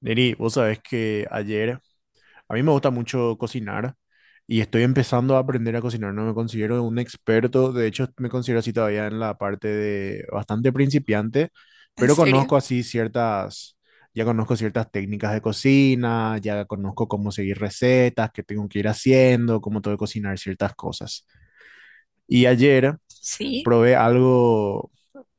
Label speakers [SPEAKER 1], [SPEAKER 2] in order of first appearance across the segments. [SPEAKER 1] Neri, vos sabés que ayer, a mí me gusta mucho cocinar y estoy empezando a aprender a cocinar, no me considero un experto, de hecho me considero así todavía en la parte de bastante principiante,
[SPEAKER 2] ¿En
[SPEAKER 1] pero
[SPEAKER 2] serio?
[SPEAKER 1] conozco así ciertas, ya conozco ciertas técnicas de cocina, ya conozco cómo seguir recetas, qué tengo que ir haciendo, cómo tengo que cocinar ciertas cosas. Y ayer
[SPEAKER 2] Sí,
[SPEAKER 1] probé algo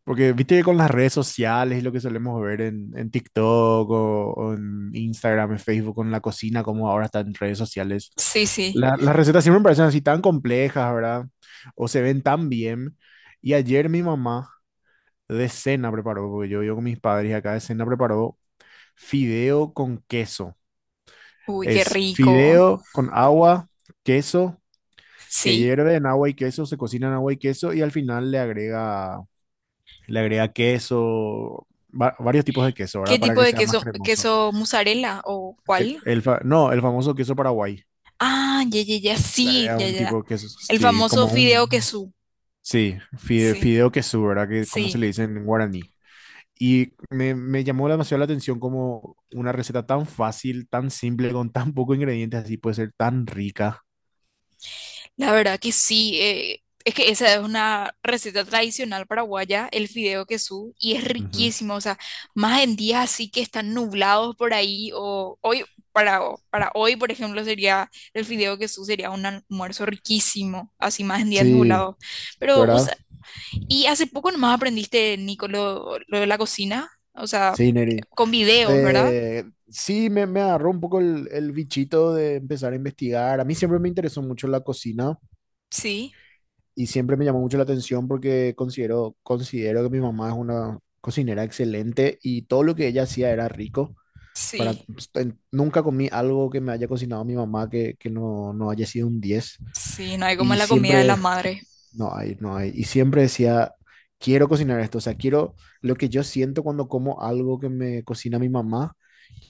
[SPEAKER 1] porque viste que con las redes sociales y lo que solemos ver en TikTok o en Instagram, en Facebook, con la cocina, como ahora está en redes sociales,
[SPEAKER 2] sí, sí.
[SPEAKER 1] las recetas siempre me parecen así tan complejas, ¿verdad? O se ven tan bien. Y ayer mi mamá de cena preparó, porque yo vivo con mis padres y acá de cena preparó fideo con queso.
[SPEAKER 2] Uy, qué
[SPEAKER 1] Es
[SPEAKER 2] rico.
[SPEAKER 1] fideo con agua, queso, que
[SPEAKER 2] Sí.
[SPEAKER 1] hierve en agua y queso, se cocina en agua y queso y al final le agrega queso, varios tipos de queso, ¿verdad?
[SPEAKER 2] ¿Qué
[SPEAKER 1] Para
[SPEAKER 2] tipo
[SPEAKER 1] que
[SPEAKER 2] de
[SPEAKER 1] sea más
[SPEAKER 2] queso?
[SPEAKER 1] cremoso.
[SPEAKER 2] ¿Queso mozzarella o cuál?
[SPEAKER 1] No, el famoso queso Paraguay.
[SPEAKER 2] Ah, ya, ya, ya,
[SPEAKER 1] Le
[SPEAKER 2] sí,
[SPEAKER 1] agrega
[SPEAKER 2] ya,
[SPEAKER 1] un tipo
[SPEAKER 2] ya.
[SPEAKER 1] de queso,
[SPEAKER 2] El
[SPEAKER 1] sí,
[SPEAKER 2] famoso
[SPEAKER 1] como
[SPEAKER 2] fideo
[SPEAKER 1] un,
[SPEAKER 2] queso.
[SPEAKER 1] sí,
[SPEAKER 2] Sí,
[SPEAKER 1] fideo queso, ¿verdad? Que como se le
[SPEAKER 2] sí.
[SPEAKER 1] dice en guaraní. Y me llamó demasiado la atención como una receta tan fácil, tan simple, con tan pocos ingredientes, así puede ser tan rica.
[SPEAKER 2] La verdad que sí, es que esa es una receta tradicional paraguaya, el fideo quesú, y es
[SPEAKER 1] Ujú.
[SPEAKER 2] riquísimo, o sea, más en días así que están nublados por ahí, o hoy, para hoy, por ejemplo, sería el fideo quesú, sería un almuerzo riquísimo, así más en días
[SPEAKER 1] Sí,
[SPEAKER 2] nublados. Pero, o
[SPEAKER 1] ¿verdad?
[SPEAKER 2] sea, y hace poco nomás aprendiste, Nico, lo de la cocina, o sea,
[SPEAKER 1] Sí, Neri.
[SPEAKER 2] con videos, ¿verdad?
[SPEAKER 1] Eh, sí, me agarró un poco el bichito de empezar a investigar. A mí siempre me interesó mucho la cocina
[SPEAKER 2] Sí,
[SPEAKER 1] y siempre me llamó mucho la atención porque considero que mi mamá es una cocinera excelente y todo lo que ella hacía era rico.
[SPEAKER 2] sí,
[SPEAKER 1] Nunca comí algo que me haya cocinado mi mamá que no haya sido un diez.
[SPEAKER 2] sí, no hay como
[SPEAKER 1] Y
[SPEAKER 2] la comida de la
[SPEAKER 1] siempre,
[SPEAKER 2] madre,
[SPEAKER 1] no hay, no hay. Y siempre decía, quiero cocinar esto. O sea, quiero lo que yo siento cuando como algo que me cocina mi mamá,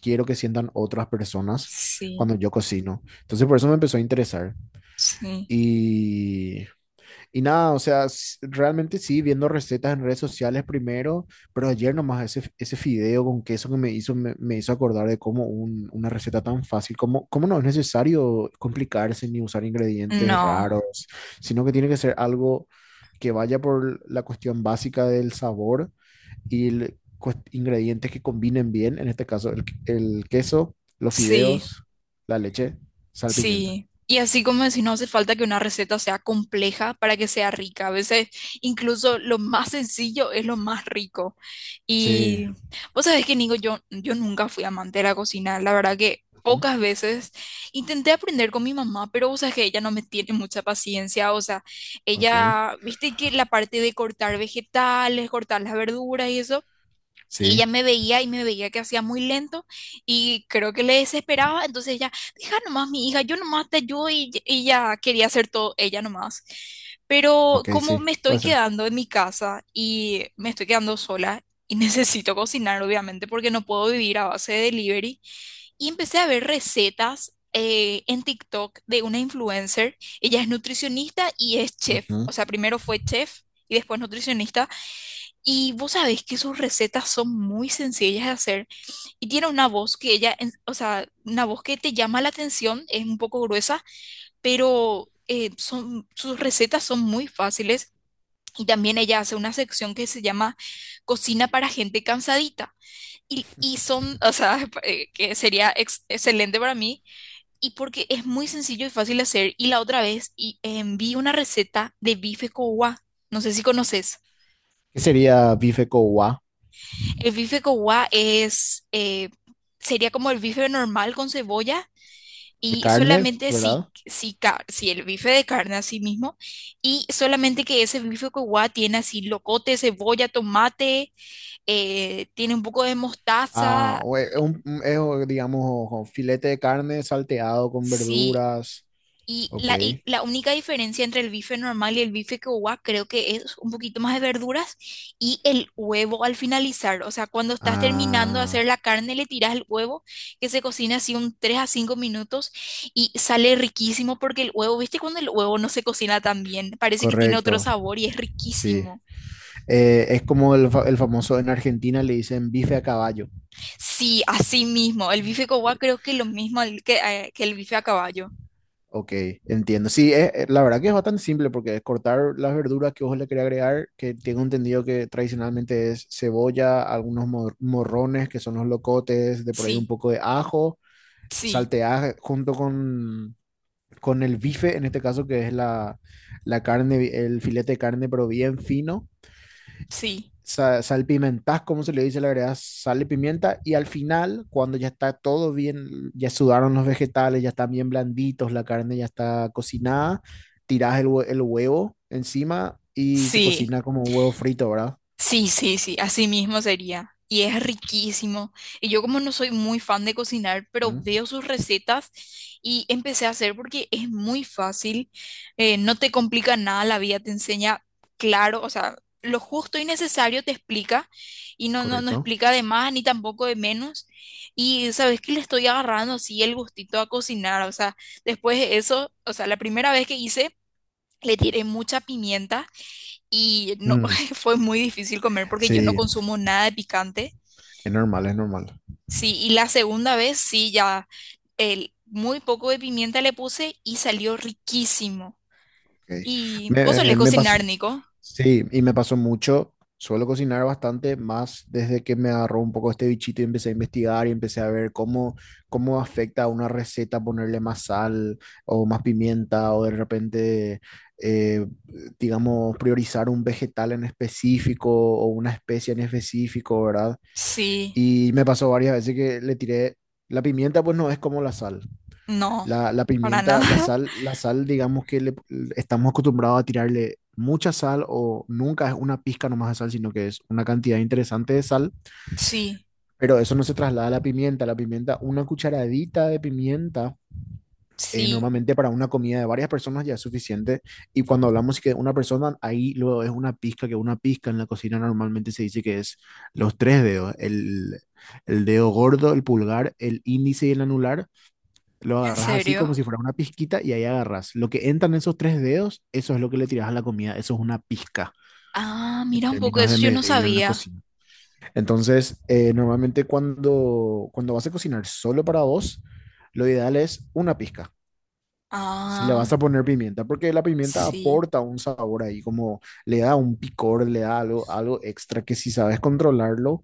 [SPEAKER 1] quiero que sientan otras personas
[SPEAKER 2] sí,
[SPEAKER 1] cuando yo cocino. Entonces por eso me empezó a interesar.
[SPEAKER 2] sí.
[SPEAKER 1] Y, y nada, o sea, realmente sí, viendo recetas en redes sociales primero, pero ayer nomás ese fideo con queso que me hizo, me hizo acordar de cómo una receta tan fácil, cómo, cómo no es necesario complicarse ni usar ingredientes
[SPEAKER 2] No.
[SPEAKER 1] raros, sino que tiene que ser algo que vaya por la cuestión básica del sabor y ingredientes que combinen bien, en este caso el queso, los
[SPEAKER 2] Sí,
[SPEAKER 1] fideos, la leche, sal, pimienta.
[SPEAKER 2] sí. Y así como decís, no hace falta que una receta sea compleja para que sea rica. A veces incluso lo más sencillo es lo más rico.
[SPEAKER 1] Sí.
[SPEAKER 2] Y vos sabés que, Nico, yo nunca fui amante de la cocina. La verdad que
[SPEAKER 1] Ujú.
[SPEAKER 2] pocas veces intenté aprender con mi mamá, pero vos sabés que ella no me tiene mucha paciencia. O sea,
[SPEAKER 1] Ok.
[SPEAKER 2] ella, viste que la parte de cortar vegetales, cortar las verduras y eso. Y ella
[SPEAKER 1] Sí.
[SPEAKER 2] me veía y me veía que hacía muy lento y creo que le desesperaba. Entonces ella, deja nomás mi hija, yo nomás te ayudo y ella quería hacer todo ella nomás. Pero
[SPEAKER 1] Ok,
[SPEAKER 2] como
[SPEAKER 1] sí.
[SPEAKER 2] me estoy
[SPEAKER 1] Puede ser.
[SPEAKER 2] quedando en mi casa y me estoy quedando sola y necesito cocinar, obviamente, porque no puedo vivir a base de delivery, y empecé a ver recetas en TikTok de una influencer. Ella es nutricionista y es chef.
[SPEAKER 1] Ujú.
[SPEAKER 2] O sea, primero fue chef y después nutricionista. Y vos sabés que sus recetas son muy sencillas de hacer y tiene una voz que ella, o sea, una voz que te llama la atención, es un poco gruesa, pero sus recetas son muy fáciles y también ella hace una sección que se llama Cocina para gente cansadita y son, o sea, que sería excelente para mí porque es muy sencillo y fácil de hacer. Y la otra vez vi una receta de bife cowa, no sé si conoces.
[SPEAKER 1] ¿Qué sería bife cowa?
[SPEAKER 2] El bife con es, sería como el bife normal con cebolla,
[SPEAKER 1] De
[SPEAKER 2] y
[SPEAKER 1] carne,
[SPEAKER 2] solamente
[SPEAKER 1] ¿verdad?
[SPEAKER 2] si el bife de carne así mismo, y solamente que ese bife con tiene así locote, cebolla, tomate, tiene un poco de
[SPEAKER 1] Ah,
[SPEAKER 2] mostaza,
[SPEAKER 1] o e- un- es, o, digamos, o filete de carne salteado con
[SPEAKER 2] sí.
[SPEAKER 1] verduras. Ok.
[SPEAKER 2] Y la única diferencia entre el bife normal y el bife quechua creo que es un poquito más de verduras y el huevo al finalizar. O sea, cuando estás terminando de
[SPEAKER 1] Ah,
[SPEAKER 2] hacer la carne, le tiras el huevo que se cocina así un 3 a 5 minutos y sale riquísimo porque el huevo, ¿viste cuando el huevo no se cocina tan bien? Parece que tiene otro
[SPEAKER 1] correcto.
[SPEAKER 2] sabor y es
[SPEAKER 1] Sí.
[SPEAKER 2] riquísimo.
[SPEAKER 1] Es como el famoso en Argentina le dicen bife a caballo.
[SPEAKER 2] Sí, así mismo. El bife quechua creo que es lo mismo al que el bife a caballo.
[SPEAKER 1] Ok, entiendo. Sí, la verdad que es bastante simple porque es cortar las verduras que vos le querés agregar, que tengo entendido que tradicionalmente es cebolla, algunos morrones que son los locotes, de por ahí un
[SPEAKER 2] Sí,
[SPEAKER 1] poco de ajo,
[SPEAKER 2] sí,
[SPEAKER 1] saltear junto con el bife, en este caso que es la, la carne, el filete de carne, pero bien fino,
[SPEAKER 2] sí,
[SPEAKER 1] salpimentás, como se le dice, le agregas sal y pimienta y al final, cuando ya está todo bien, ya sudaron los vegetales, ya están bien blanditos, la carne ya está cocinada, tirás el huevo encima y se
[SPEAKER 2] sí.
[SPEAKER 1] cocina como un huevo frito, ¿verdad?
[SPEAKER 2] Sí, sí, sí, así mismo sería. Y es riquísimo. Y yo como no soy muy fan de cocinar, pero
[SPEAKER 1] Mm.
[SPEAKER 2] veo sus recetas y empecé a hacer porque es muy fácil, no te complica nada, la vida te enseña, claro, o sea, lo justo y necesario te explica y no, no, no
[SPEAKER 1] Correcto.
[SPEAKER 2] explica de más ni tampoco de menos. Y sabes que le estoy agarrando así el gustito a cocinar, o sea, después de eso, o sea, la primera vez que hice, le tiré mucha pimienta y no,
[SPEAKER 1] Mm,
[SPEAKER 2] fue muy difícil comer porque yo no
[SPEAKER 1] sí,
[SPEAKER 2] consumo nada de picante.
[SPEAKER 1] es normal, es normal.
[SPEAKER 2] Sí, y la segunda vez sí, ya muy poco de pimienta le puse y salió riquísimo.
[SPEAKER 1] Ok.
[SPEAKER 2] ¿Y vos
[SPEAKER 1] Me,
[SPEAKER 2] solés
[SPEAKER 1] me pasó,
[SPEAKER 2] cocinar, Nico?
[SPEAKER 1] sí, y me pasó mucho. Suelo cocinar bastante más desde que me agarró un poco este bichito y empecé a investigar y empecé a ver cómo, cómo afecta a una receta ponerle más sal o más pimienta o de repente, eh, digamos, priorizar un vegetal en específico o una especie en específico, ¿verdad?
[SPEAKER 2] Sí,
[SPEAKER 1] Y me pasó varias veces que le tiré, la pimienta pues no es como la sal.
[SPEAKER 2] no,
[SPEAKER 1] La
[SPEAKER 2] para
[SPEAKER 1] pimienta,
[SPEAKER 2] nada.
[SPEAKER 1] la sal, digamos que le, estamos acostumbrados a tirarle mucha sal o nunca es una pizca nomás de sal, sino que es una cantidad interesante de sal,
[SPEAKER 2] Sí,
[SPEAKER 1] pero eso no se traslada a la pimienta. La pimienta, una cucharadita de pimienta,
[SPEAKER 2] sí,
[SPEAKER 1] normalmente para una comida de varias personas ya es suficiente. Y cuando hablamos que una persona, ahí luego es una pizca, que una pizca en la cocina normalmente se dice que es los tres dedos, el dedo gordo, el pulgar, el índice y el anular, lo
[SPEAKER 2] ¿en
[SPEAKER 1] agarras así como
[SPEAKER 2] serio?
[SPEAKER 1] si fuera una pizquita y ahí agarras. Lo que entran esos tres dedos, eso es lo que le tiras a la comida. Eso es una pizca
[SPEAKER 2] Ah,
[SPEAKER 1] en
[SPEAKER 2] mira un poco,
[SPEAKER 1] términos
[SPEAKER 2] eso
[SPEAKER 1] de
[SPEAKER 2] yo no
[SPEAKER 1] medida en la
[SPEAKER 2] sabía.
[SPEAKER 1] cocina. Entonces, normalmente cuando vas a cocinar solo para dos, lo ideal es una pizca. Si le vas
[SPEAKER 2] Ah,
[SPEAKER 1] a poner pimienta, porque la pimienta
[SPEAKER 2] sí,
[SPEAKER 1] aporta un sabor ahí, como le da un picor, le da algo, algo extra que si sabes controlarlo,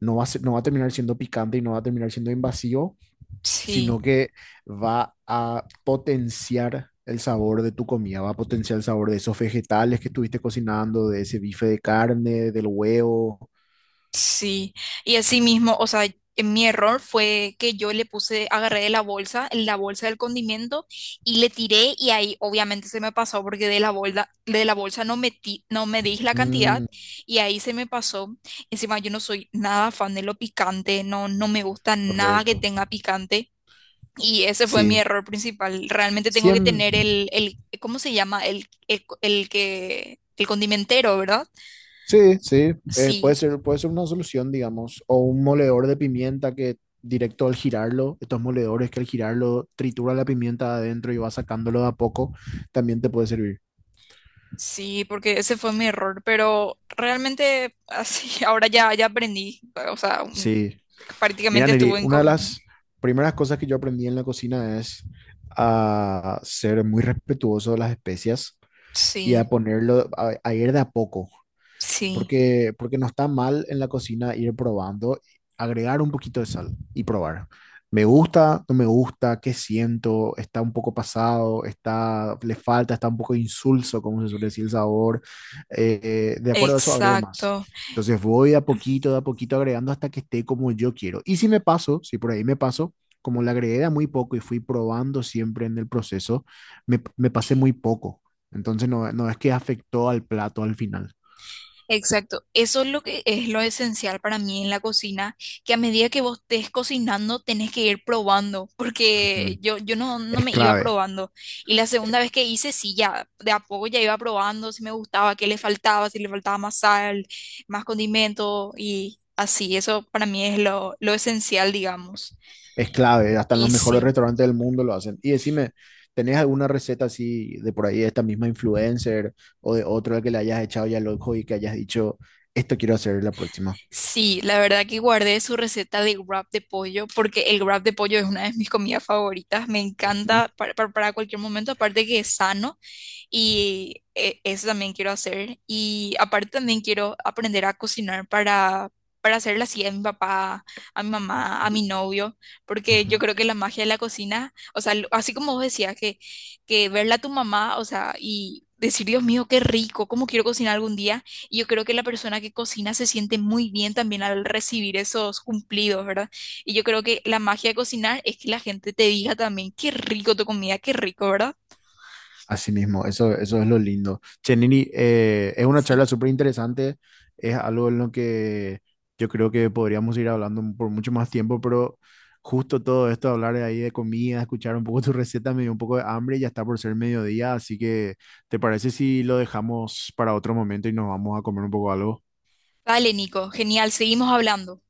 [SPEAKER 1] no va a terminar siendo picante y no va a terminar siendo invasivo,
[SPEAKER 2] sí.
[SPEAKER 1] sino que va a potenciar el sabor de tu comida, va a potenciar el sabor de esos vegetales que estuviste cocinando, de ese bife de carne, del huevo.
[SPEAKER 2] Sí, y así mismo, o sea, en mi error fue que yo le puse, agarré de la bolsa del condimento y le tiré, y ahí obviamente se me pasó porque de la bolsa no metí, no me di la cantidad
[SPEAKER 1] Mm,
[SPEAKER 2] y ahí se me pasó. Encima yo no soy nada fan de lo picante, no, no me gusta nada que
[SPEAKER 1] correcto.
[SPEAKER 2] tenga picante, y ese fue mi
[SPEAKER 1] Sí,
[SPEAKER 2] error principal. Realmente tengo que
[SPEAKER 1] Siem-
[SPEAKER 2] tener ¿cómo se llama? El condimentero, ¿verdad?
[SPEAKER 1] sí, sí,
[SPEAKER 2] Sí.
[SPEAKER 1] puede ser una solución, digamos, o un moledor de pimienta que directo al girarlo, estos moledores que al girarlo tritura la pimienta de adentro y va sacándolo de a poco, también te puede servir.
[SPEAKER 2] Sí, porque ese fue mi error, pero realmente así, ahora ya, ya aprendí, o sea,
[SPEAKER 1] Sí. Mira,
[SPEAKER 2] prácticamente
[SPEAKER 1] Neri,
[SPEAKER 2] estuve en...
[SPEAKER 1] una de
[SPEAKER 2] co-
[SPEAKER 1] las primeras cosas que yo aprendí en la cocina es a ser muy respetuoso de las especias y a
[SPEAKER 2] Sí,
[SPEAKER 1] ponerlo, a ir de a poco
[SPEAKER 2] sí,
[SPEAKER 1] porque, porque no está mal en la cocina ir probando, agregar un poquito de sal y probar. Me gusta, no me gusta, qué siento, está un poco pasado, está, le falta, está un poco insulso, como se suele decir el sabor. De acuerdo a eso, agrego más.
[SPEAKER 2] exacto.
[SPEAKER 1] Entonces voy de a poquito agregando hasta que esté como yo quiero. Y si me paso, si por ahí me paso, como le agregué de a muy poco y fui probando siempre en el proceso, me pasé muy poco. Entonces no, no es que afectó al plato al final.
[SPEAKER 2] Exacto, eso es lo que es lo esencial para mí en la cocina, que a medida que vos estés cocinando tenés que ir probando, porque
[SPEAKER 1] Ujú.
[SPEAKER 2] yo no, no
[SPEAKER 1] Es
[SPEAKER 2] me iba
[SPEAKER 1] clave,
[SPEAKER 2] probando. Y la
[SPEAKER 1] eh,
[SPEAKER 2] segunda vez que hice, sí, ya de a poco ya iba probando si me gustaba, qué le faltaba, si le faltaba más sal, más condimento y así, eso para mí es lo esencial, digamos.
[SPEAKER 1] es clave. Hasta en
[SPEAKER 2] Y
[SPEAKER 1] los mejores
[SPEAKER 2] sí.
[SPEAKER 1] restaurantes del mundo lo hacen. Y decime, ¿tenés alguna receta así de por ahí de esta misma influencer o de otro que le hayas echado ya el ojo y que hayas dicho, esto quiero hacer la próxima?
[SPEAKER 2] Sí, la verdad que guardé su receta de wrap de pollo porque el wrap de pollo es una de mis comidas favoritas, me
[SPEAKER 1] Ujú,
[SPEAKER 2] encanta para, para cualquier momento, aparte que es sano. Y eso también quiero hacer. Y aparte también quiero aprender a cocinar para hacerle así a mi papá, a mi mamá,
[SPEAKER 1] ujú,
[SPEAKER 2] a mi novio, porque yo
[SPEAKER 1] ujú.
[SPEAKER 2] creo que la magia de la cocina, o sea, así como vos decías, que verla a tu mamá, o sea, y decir, Dios mío, qué rico, cómo quiero cocinar algún día. Y yo creo que la persona que cocina se siente muy bien también al recibir esos cumplidos, ¿verdad? Y yo creo que la magia de cocinar es que la gente te diga también, qué rico tu comida, qué rico, ¿verdad?
[SPEAKER 1] Así mismo, eso es lo lindo. Che, Nini, es una charla
[SPEAKER 2] Sí.
[SPEAKER 1] súper interesante, es algo en lo que yo creo que podríamos ir hablando por mucho más tiempo, pero justo todo esto, hablar de ahí de comida, escuchar un poco tu receta, me dio un poco de hambre y ya está por ser mediodía, así que ¿te parece si lo dejamos para otro momento y nos vamos a comer un poco algo?
[SPEAKER 2] Vale, Nico, genial, seguimos hablando.